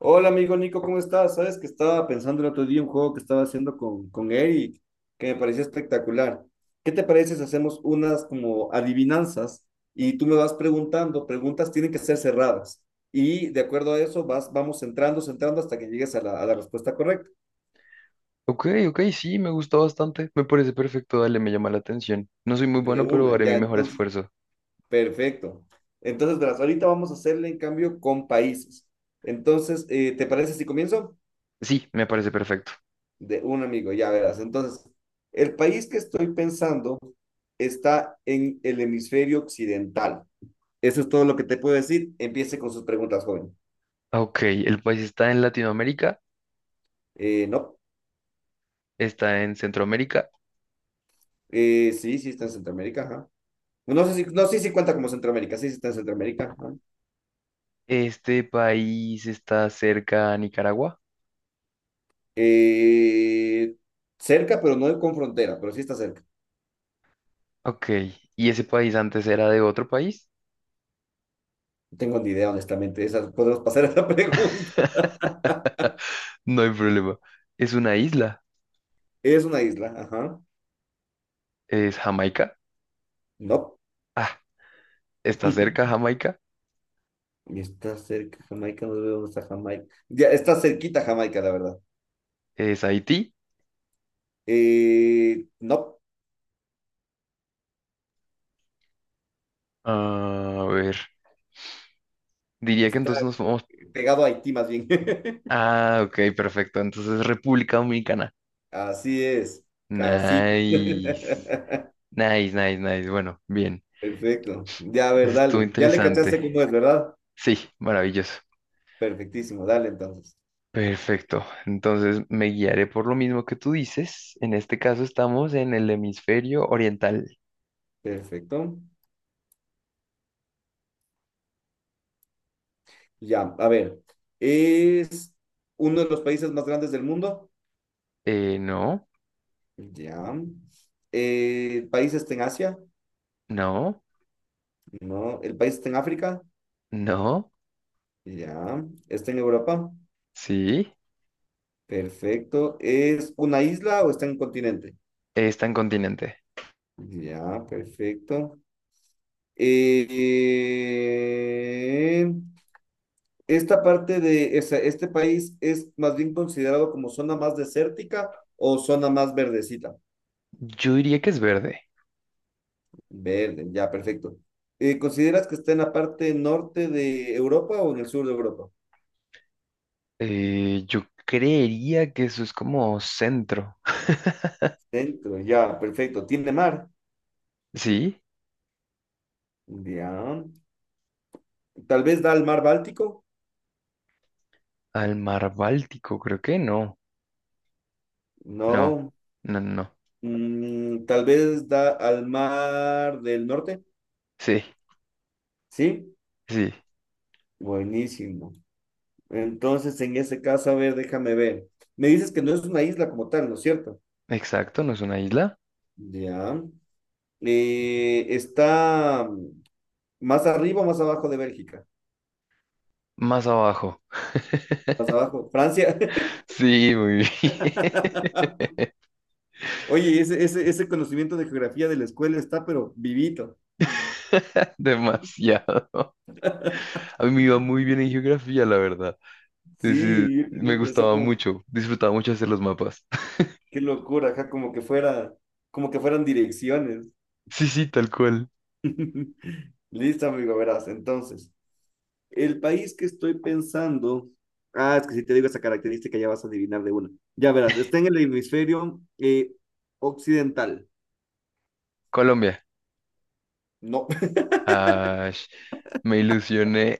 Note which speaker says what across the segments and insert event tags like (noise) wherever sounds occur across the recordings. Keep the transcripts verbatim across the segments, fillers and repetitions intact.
Speaker 1: Hola amigo Nico, ¿cómo estás? Sabes que estaba pensando el otro día un juego que estaba haciendo con, con Eric, que me parecía espectacular. ¿Qué te parece si hacemos unas como adivinanzas y tú me vas preguntando? Preguntas tienen que ser cerradas y de acuerdo a eso vas, vamos entrando, entrando hasta que llegues a la, a la respuesta correcta.
Speaker 2: Ok, ok, sí, me gusta bastante. Me parece perfecto, dale, me llama la atención. No soy muy
Speaker 1: De
Speaker 2: bueno, pero
Speaker 1: una,
Speaker 2: haré mi
Speaker 1: ya,
Speaker 2: mejor
Speaker 1: entonces,
Speaker 2: esfuerzo.
Speaker 1: perfecto. Entonces, verás, ahorita vamos a hacerle en cambio con países. Entonces, eh, ¿te parece si comienzo?
Speaker 2: Sí, me parece perfecto.
Speaker 1: De un amigo, ya verás. Entonces, el país que estoy pensando está en el hemisferio occidental. Eso es todo lo que te puedo decir. Empiece con sus preguntas, joven.
Speaker 2: Ah, ok, el país está en Latinoamérica,
Speaker 1: Eh, no.
Speaker 2: está en Centroamérica.
Speaker 1: Eh, sí, sí está en Centroamérica, ajá. No sé si, no, sí, sí cuenta como Centroamérica, sí, sí está en Centroamérica, ajá.
Speaker 2: Este país está cerca a Nicaragua.
Speaker 1: Eh, Cerca, pero no con frontera, pero sí está cerca.
Speaker 2: Ok, ¿y ese país antes era de otro país?
Speaker 1: No tengo ni idea, honestamente. Esa, podemos pasar a esa (laughs) pregunta.
Speaker 2: (laughs) No hay problema. Es una isla.
Speaker 1: Es una isla, ajá.
Speaker 2: Es Jamaica.
Speaker 1: No.
Speaker 2: Ah, está cerca Jamaica.
Speaker 1: Está cerca Jamaica, nos vemos a Jamaica. Ya, está cerquita Jamaica, la verdad.
Speaker 2: Es Haití.
Speaker 1: Eh, no,
Speaker 2: A ver, diría que
Speaker 1: está
Speaker 2: entonces nos vamos.
Speaker 1: pegado a Haití más bien. (laughs)
Speaker 2: Ah, ok, perfecto. Entonces, República Dominicana.
Speaker 1: Así es, casi. (laughs)
Speaker 2: Nice. Nice, nice, nice. Bueno, bien.
Speaker 1: Perfecto. Ya, a ver,
Speaker 2: Eso estuvo
Speaker 1: dale. Ya le
Speaker 2: interesante.
Speaker 1: cachaste cómo es, ¿verdad?
Speaker 2: Sí, maravilloso.
Speaker 1: Perfectísimo, dale entonces.
Speaker 2: Perfecto. Entonces, me guiaré por lo mismo que tú dices. En este caso, estamos en el hemisferio oriental.
Speaker 1: Perfecto. Ya, a ver. ¿Es uno de los países más grandes del mundo?
Speaker 2: Eh, no,
Speaker 1: Ya. Eh, ¿el país está en Asia?
Speaker 2: no,
Speaker 1: No. ¿El país está en África?
Speaker 2: no.
Speaker 1: Ya. ¿Está en Europa?
Speaker 2: Sí,
Speaker 1: Perfecto. ¿Es una isla o está en un continente?
Speaker 2: está en continente.
Speaker 1: Ya, perfecto. Eh, ¿Esta parte de esa- este país es más bien considerado como zona más desértica o zona más verdecita?
Speaker 2: Yo diría que es verde.
Speaker 1: Verde, ya, perfecto. Eh, ¿consideras que está en la parte norte de Europa o en el sur de Europa?
Speaker 2: Eh, yo creería que eso es como centro.
Speaker 1: Centro, ya, perfecto. ¿Tiene mar?
Speaker 2: Sí,
Speaker 1: Ya. ¿Tal vez da al mar Báltico?
Speaker 2: al mar Báltico, creo que no. No,
Speaker 1: No.
Speaker 2: no, no.
Speaker 1: Mm, tal vez da al mar del norte.
Speaker 2: Sí,
Speaker 1: Sí,
Speaker 2: sí,
Speaker 1: buenísimo. Entonces, en ese caso, a ver, déjame ver. Me dices que no es una isla como tal, ¿no es cierto?
Speaker 2: exacto, no es una isla.
Speaker 1: Ya. Eh, está más arriba o más abajo de Bélgica.
Speaker 2: Más abajo.
Speaker 1: Más abajo. Francia.
Speaker 2: Sí, muy bien.
Speaker 1: (laughs) Oye, ese, ese, ese conocimiento de geografía de la escuela está, pero vivito.
Speaker 2: (laughs) Demasiado. A mí me iba muy bien en geografía, la verdad. Sí, sí,
Speaker 1: Sí, yo
Speaker 2: me
Speaker 1: creo que así
Speaker 2: gustaba
Speaker 1: como,
Speaker 2: mucho, disfrutaba mucho hacer los mapas. (laughs)
Speaker 1: qué locura, ajá, como que fuera, como que fueran direcciones.
Speaker 2: Sí, sí, tal cual.
Speaker 1: (laughs) Listo, amigo, verás. Entonces, el país que estoy pensando. Ah, es que si te digo esa característica ya vas a adivinar de una. Ya verás, está en el hemisferio eh, occidental.
Speaker 2: Colombia.
Speaker 1: No,
Speaker 2: Ah, me ilusioné.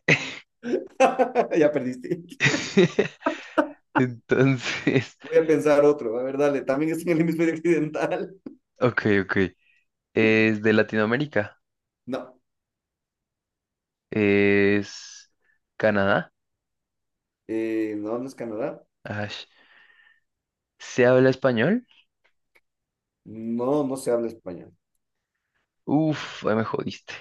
Speaker 1: (laughs) ya perdiste.
Speaker 2: (laughs) Entonces,
Speaker 1: Voy a pensar otro. A ver, dale. También está en el hemisferio occidental.
Speaker 2: ok, ok. Es de Latinoamérica.
Speaker 1: No.
Speaker 2: Es Canadá.
Speaker 1: Eh, no, no es Canadá.
Speaker 2: Ash. ¿Se habla español?
Speaker 1: No, no se habla español.
Speaker 2: Uf, ahí me jodiste.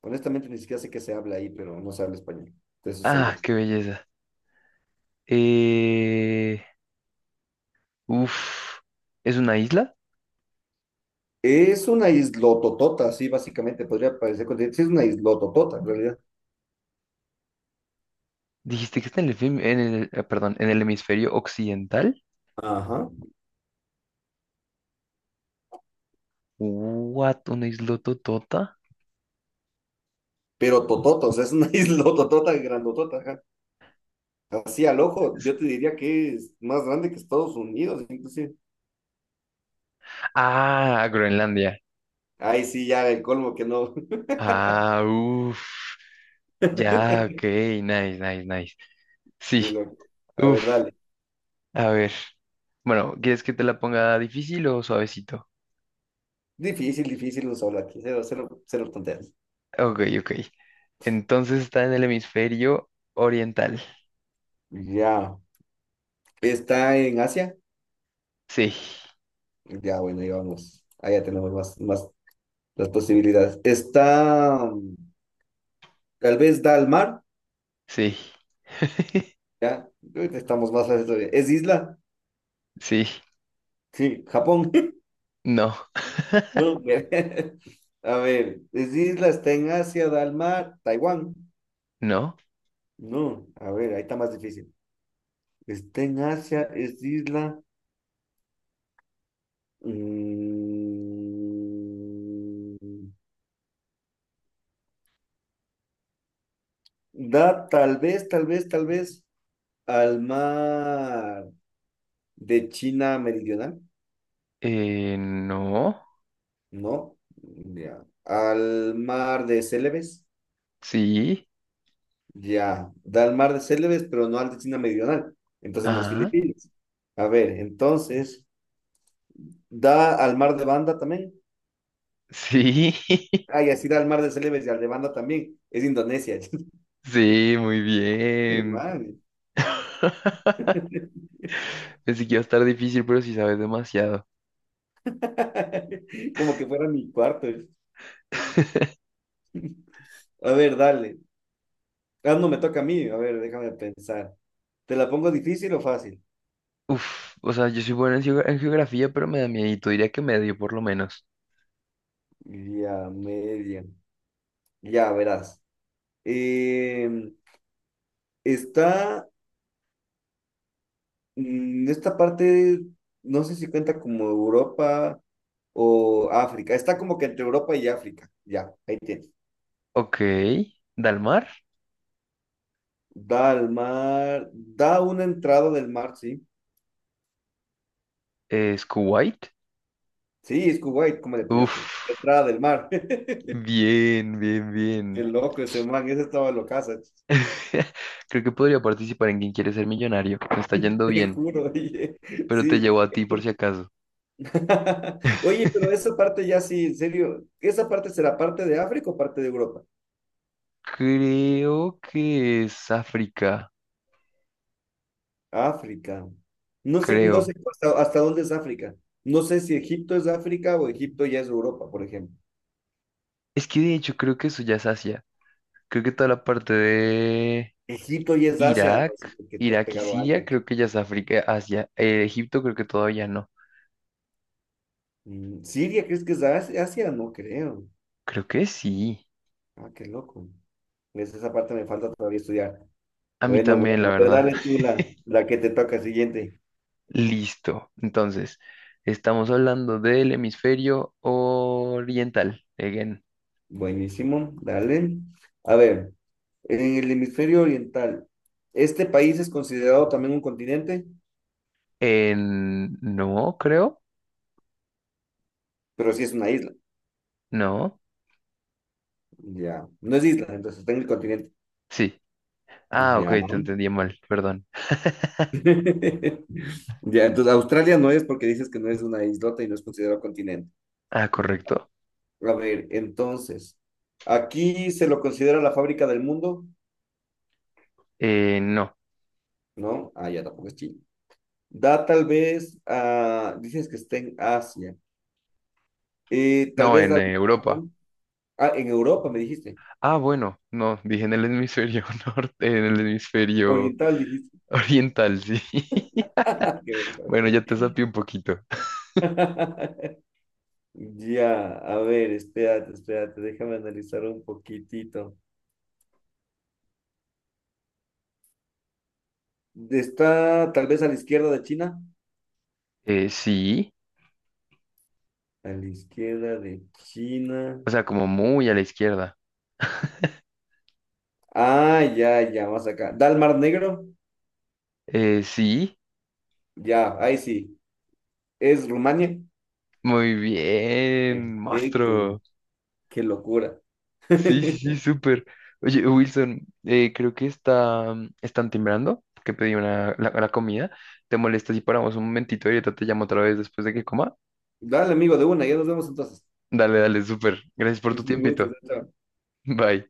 Speaker 1: Honestamente, ni siquiera sé que se habla ahí, pero no se habla español. De eso
Speaker 2: Ah,
Speaker 1: seguro.
Speaker 2: qué belleza. Eh, uf, ¿Es una isla?
Speaker 1: Es una islototota, sí, básicamente. Podría parecer continente. Sí, es una islototota, en realidad.
Speaker 2: Dijiste que está en el, fem- en el, eh, perdón, en el hemisferio occidental.
Speaker 1: Ajá.
Speaker 2: What, una isla totota.
Speaker 1: Pero totota, o sea, es una (laughs) isla totota, grandotota, ajá. Así al ojo, yo te diría que es más grande que Estados Unidos, inclusive.
Speaker 2: Ah, Groenlandia.
Speaker 1: Ahí sí, ya el colmo que no.
Speaker 2: Ah, uff.
Speaker 1: (laughs)
Speaker 2: Ya, ok,
Speaker 1: Qué
Speaker 2: nice, nice, nice. Sí,
Speaker 1: loco. A ver,
Speaker 2: uff.
Speaker 1: dale.
Speaker 2: A ver. Bueno, ¿quieres que te la ponga difícil o suavecito?
Speaker 1: Difícil, difícil los aquí, cero, cero, cero tonterías.
Speaker 2: Ok, ok. Entonces está en el hemisferio oriental.
Speaker 1: Ya. ¿Está en Asia?
Speaker 2: Sí.
Speaker 1: Ya, bueno, ahí vamos. Ahí ya tenemos más, más las posibilidades. ¿Está, mm, tal vez da al mar?
Speaker 2: Sí, (laughs)
Speaker 1: Ya, ahorita estamos más a eso de- ¿Es isla?
Speaker 2: sí,
Speaker 1: Sí, Japón.
Speaker 2: no,
Speaker 1: No, güey. (laughs) A ver, es isla, está en Asia, da al mar, Taiwán.
Speaker 2: no,
Speaker 1: No, a ver, ahí está más difícil. Está en Asia, es isla. mm, Da tal vez, tal vez, tal vez al mar de China Meridional.
Speaker 2: eh, no,
Speaker 1: No, ya. Al mar de Celebes.
Speaker 2: sí,
Speaker 1: Ya, da al mar de Celebes pero no al de China Meridional. Entonces no es
Speaker 2: ajá,
Speaker 1: Filipinas. A ver, entonces. Da al mar de Banda también.
Speaker 2: sí, (laughs)
Speaker 1: Ah, y así da al mar de Celebes y al de Banda también. Es Indonesia.
Speaker 2: sí, muy
Speaker 1: (laughs)
Speaker 2: bien.
Speaker 1: Man.
Speaker 2: (laughs) Pensé que iba a estar difícil, pero sí sabes demasiado.
Speaker 1: (laughs) Como que fuera mi cuarto.
Speaker 2: (laughs)
Speaker 1: A ver, dale. Ah, no, me toca a mí. A ver, déjame pensar. ¿Te la pongo difícil o fácil?
Speaker 2: Uf, o sea, yo soy bueno en, geo- en geografía, pero me da miedito, diría que medio por lo menos.
Speaker 1: Ya, media. Ya, verás. Eh, Está mm, esta parte, no sé si cuenta como Europa o África. Está como que entre Europa y África. Ya, ahí tienes.
Speaker 2: Ok, Dalmar,
Speaker 1: Da al mar, da una entrada del mar, sí.
Speaker 2: es Kuwait.
Speaker 1: Sí, es Kuwait, ¿cómo le atinaste?
Speaker 2: Uf,
Speaker 1: Entrada del mar. (laughs)
Speaker 2: bien, bien, bien.
Speaker 1: Qué loco ese man, ese estaba locaza,
Speaker 2: (laughs) Creo que podría participar en Quien quiere ser millonario. Me está
Speaker 1: (laughs)
Speaker 2: yendo
Speaker 1: te
Speaker 2: bien.
Speaker 1: juro, oye,
Speaker 2: Pero te
Speaker 1: sí.
Speaker 2: llevo a ti por si acaso.
Speaker 1: (laughs) Oye, pero
Speaker 2: (laughs)
Speaker 1: esa parte ya sí, en serio, ¿esa parte será parte de África o parte de Europa?
Speaker 2: Creo que es África,
Speaker 1: África. No sé, no sé
Speaker 2: creo.
Speaker 1: hasta, hasta dónde es África. No sé si Egipto es África o Egipto ya es Europa, por ejemplo.
Speaker 2: Es que de hecho creo que eso ya es Asia. Creo que toda la parte de
Speaker 1: Egipto ya es Asia, no
Speaker 2: Irak,
Speaker 1: sé que estás
Speaker 2: Irak y
Speaker 1: pegado a algo
Speaker 2: Siria,
Speaker 1: aquí.
Speaker 2: creo que ya es África, Asia. Eh, Egipto creo que todavía no.
Speaker 1: Mm, ¿Siria crees que es Asia? ¿Asia? No creo.
Speaker 2: Creo que sí.
Speaker 1: Ah, qué loco. Es esa parte me falta todavía estudiar.
Speaker 2: A mí
Speaker 1: Bueno, bueno,
Speaker 2: también, la
Speaker 1: a ver,
Speaker 2: verdad.
Speaker 1: dale tú
Speaker 2: (laughs)
Speaker 1: la, la que te toca siguiente.
Speaker 2: Listo. Entonces, estamos hablando del hemisferio oriental. Again.
Speaker 1: Buenísimo, dale. A ver, en el hemisferio oriental, este país es considerado también un continente,
Speaker 2: En... No, creo.
Speaker 1: pero sí es una isla.
Speaker 2: No.
Speaker 1: Ya, no es isla, entonces está en el continente.
Speaker 2: Sí. Ah, ok,
Speaker 1: Ya. (laughs)
Speaker 2: te entendí mal. Perdón.
Speaker 1: Ya, entonces Australia no es porque dices que no es una islota y no es considerado continente.
Speaker 2: Ah, correcto.
Speaker 1: A ver, entonces, aquí se lo considera la fábrica del mundo,
Speaker 2: Eh, no,
Speaker 1: ¿no? Ah, ya tampoco es Chile. Da tal vez a, dices que está en Asia. Eh, tal
Speaker 2: no,
Speaker 1: vez
Speaker 2: en
Speaker 1: da a
Speaker 2: eh, Europa.
Speaker 1: Japón, ah, en Europa me dijiste,
Speaker 2: Ah, bueno, no, dije en el hemisferio (laughs) norte, en el hemisferio
Speaker 1: oriental dijiste.
Speaker 2: oriental, sí. (laughs)
Speaker 1: (laughs) Qué
Speaker 2: Bueno,
Speaker 1: vergüenza.
Speaker 2: ya te sapié un poquito.
Speaker 1: (laughs) Ya, a ver, espérate, espérate, déjame analizar un poquitito. Está tal vez a la izquierda de China,
Speaker 2: Eh, sí,
Speaker 1: a la izquierda de China.
Speaker 2: o sea, como muy a la izquierda. (laughs)
Speaker 1: Ah, ya, ya, más acá. ¿Da al Mar Negro?
Speaker 2: Eh, sí,
Speaker 1: Ya, ahí sí. ¿Es Rumania?
Speaker 2: muy bien,
Speaker 1: Perfecto,
Speaker 2: monstruo.
Speaker 1: qué locura.
Speaker 2: Sí, sí, sí,
Speaker 1: (laughs)
Speaker 2: súper. Oye, Wilson, eh, creo que está, mm, están timbrando, que pedí una, la, la comida. ¿Te molesta si paramos un momentito y ahorita te llamo otra vez después de que coma?
Speaker 1: Dale, amigo, de una, ya nos vemos entonces.
Speaker 2: Dale, dale, súper. Gracias por
Speaker 1: Es
Speaker 2: tu
Speaker 1: un gusto,
Speaker 2: tiempito.
Speaker 1: chao. Chao.
Speaker 2: (laughs) Bye.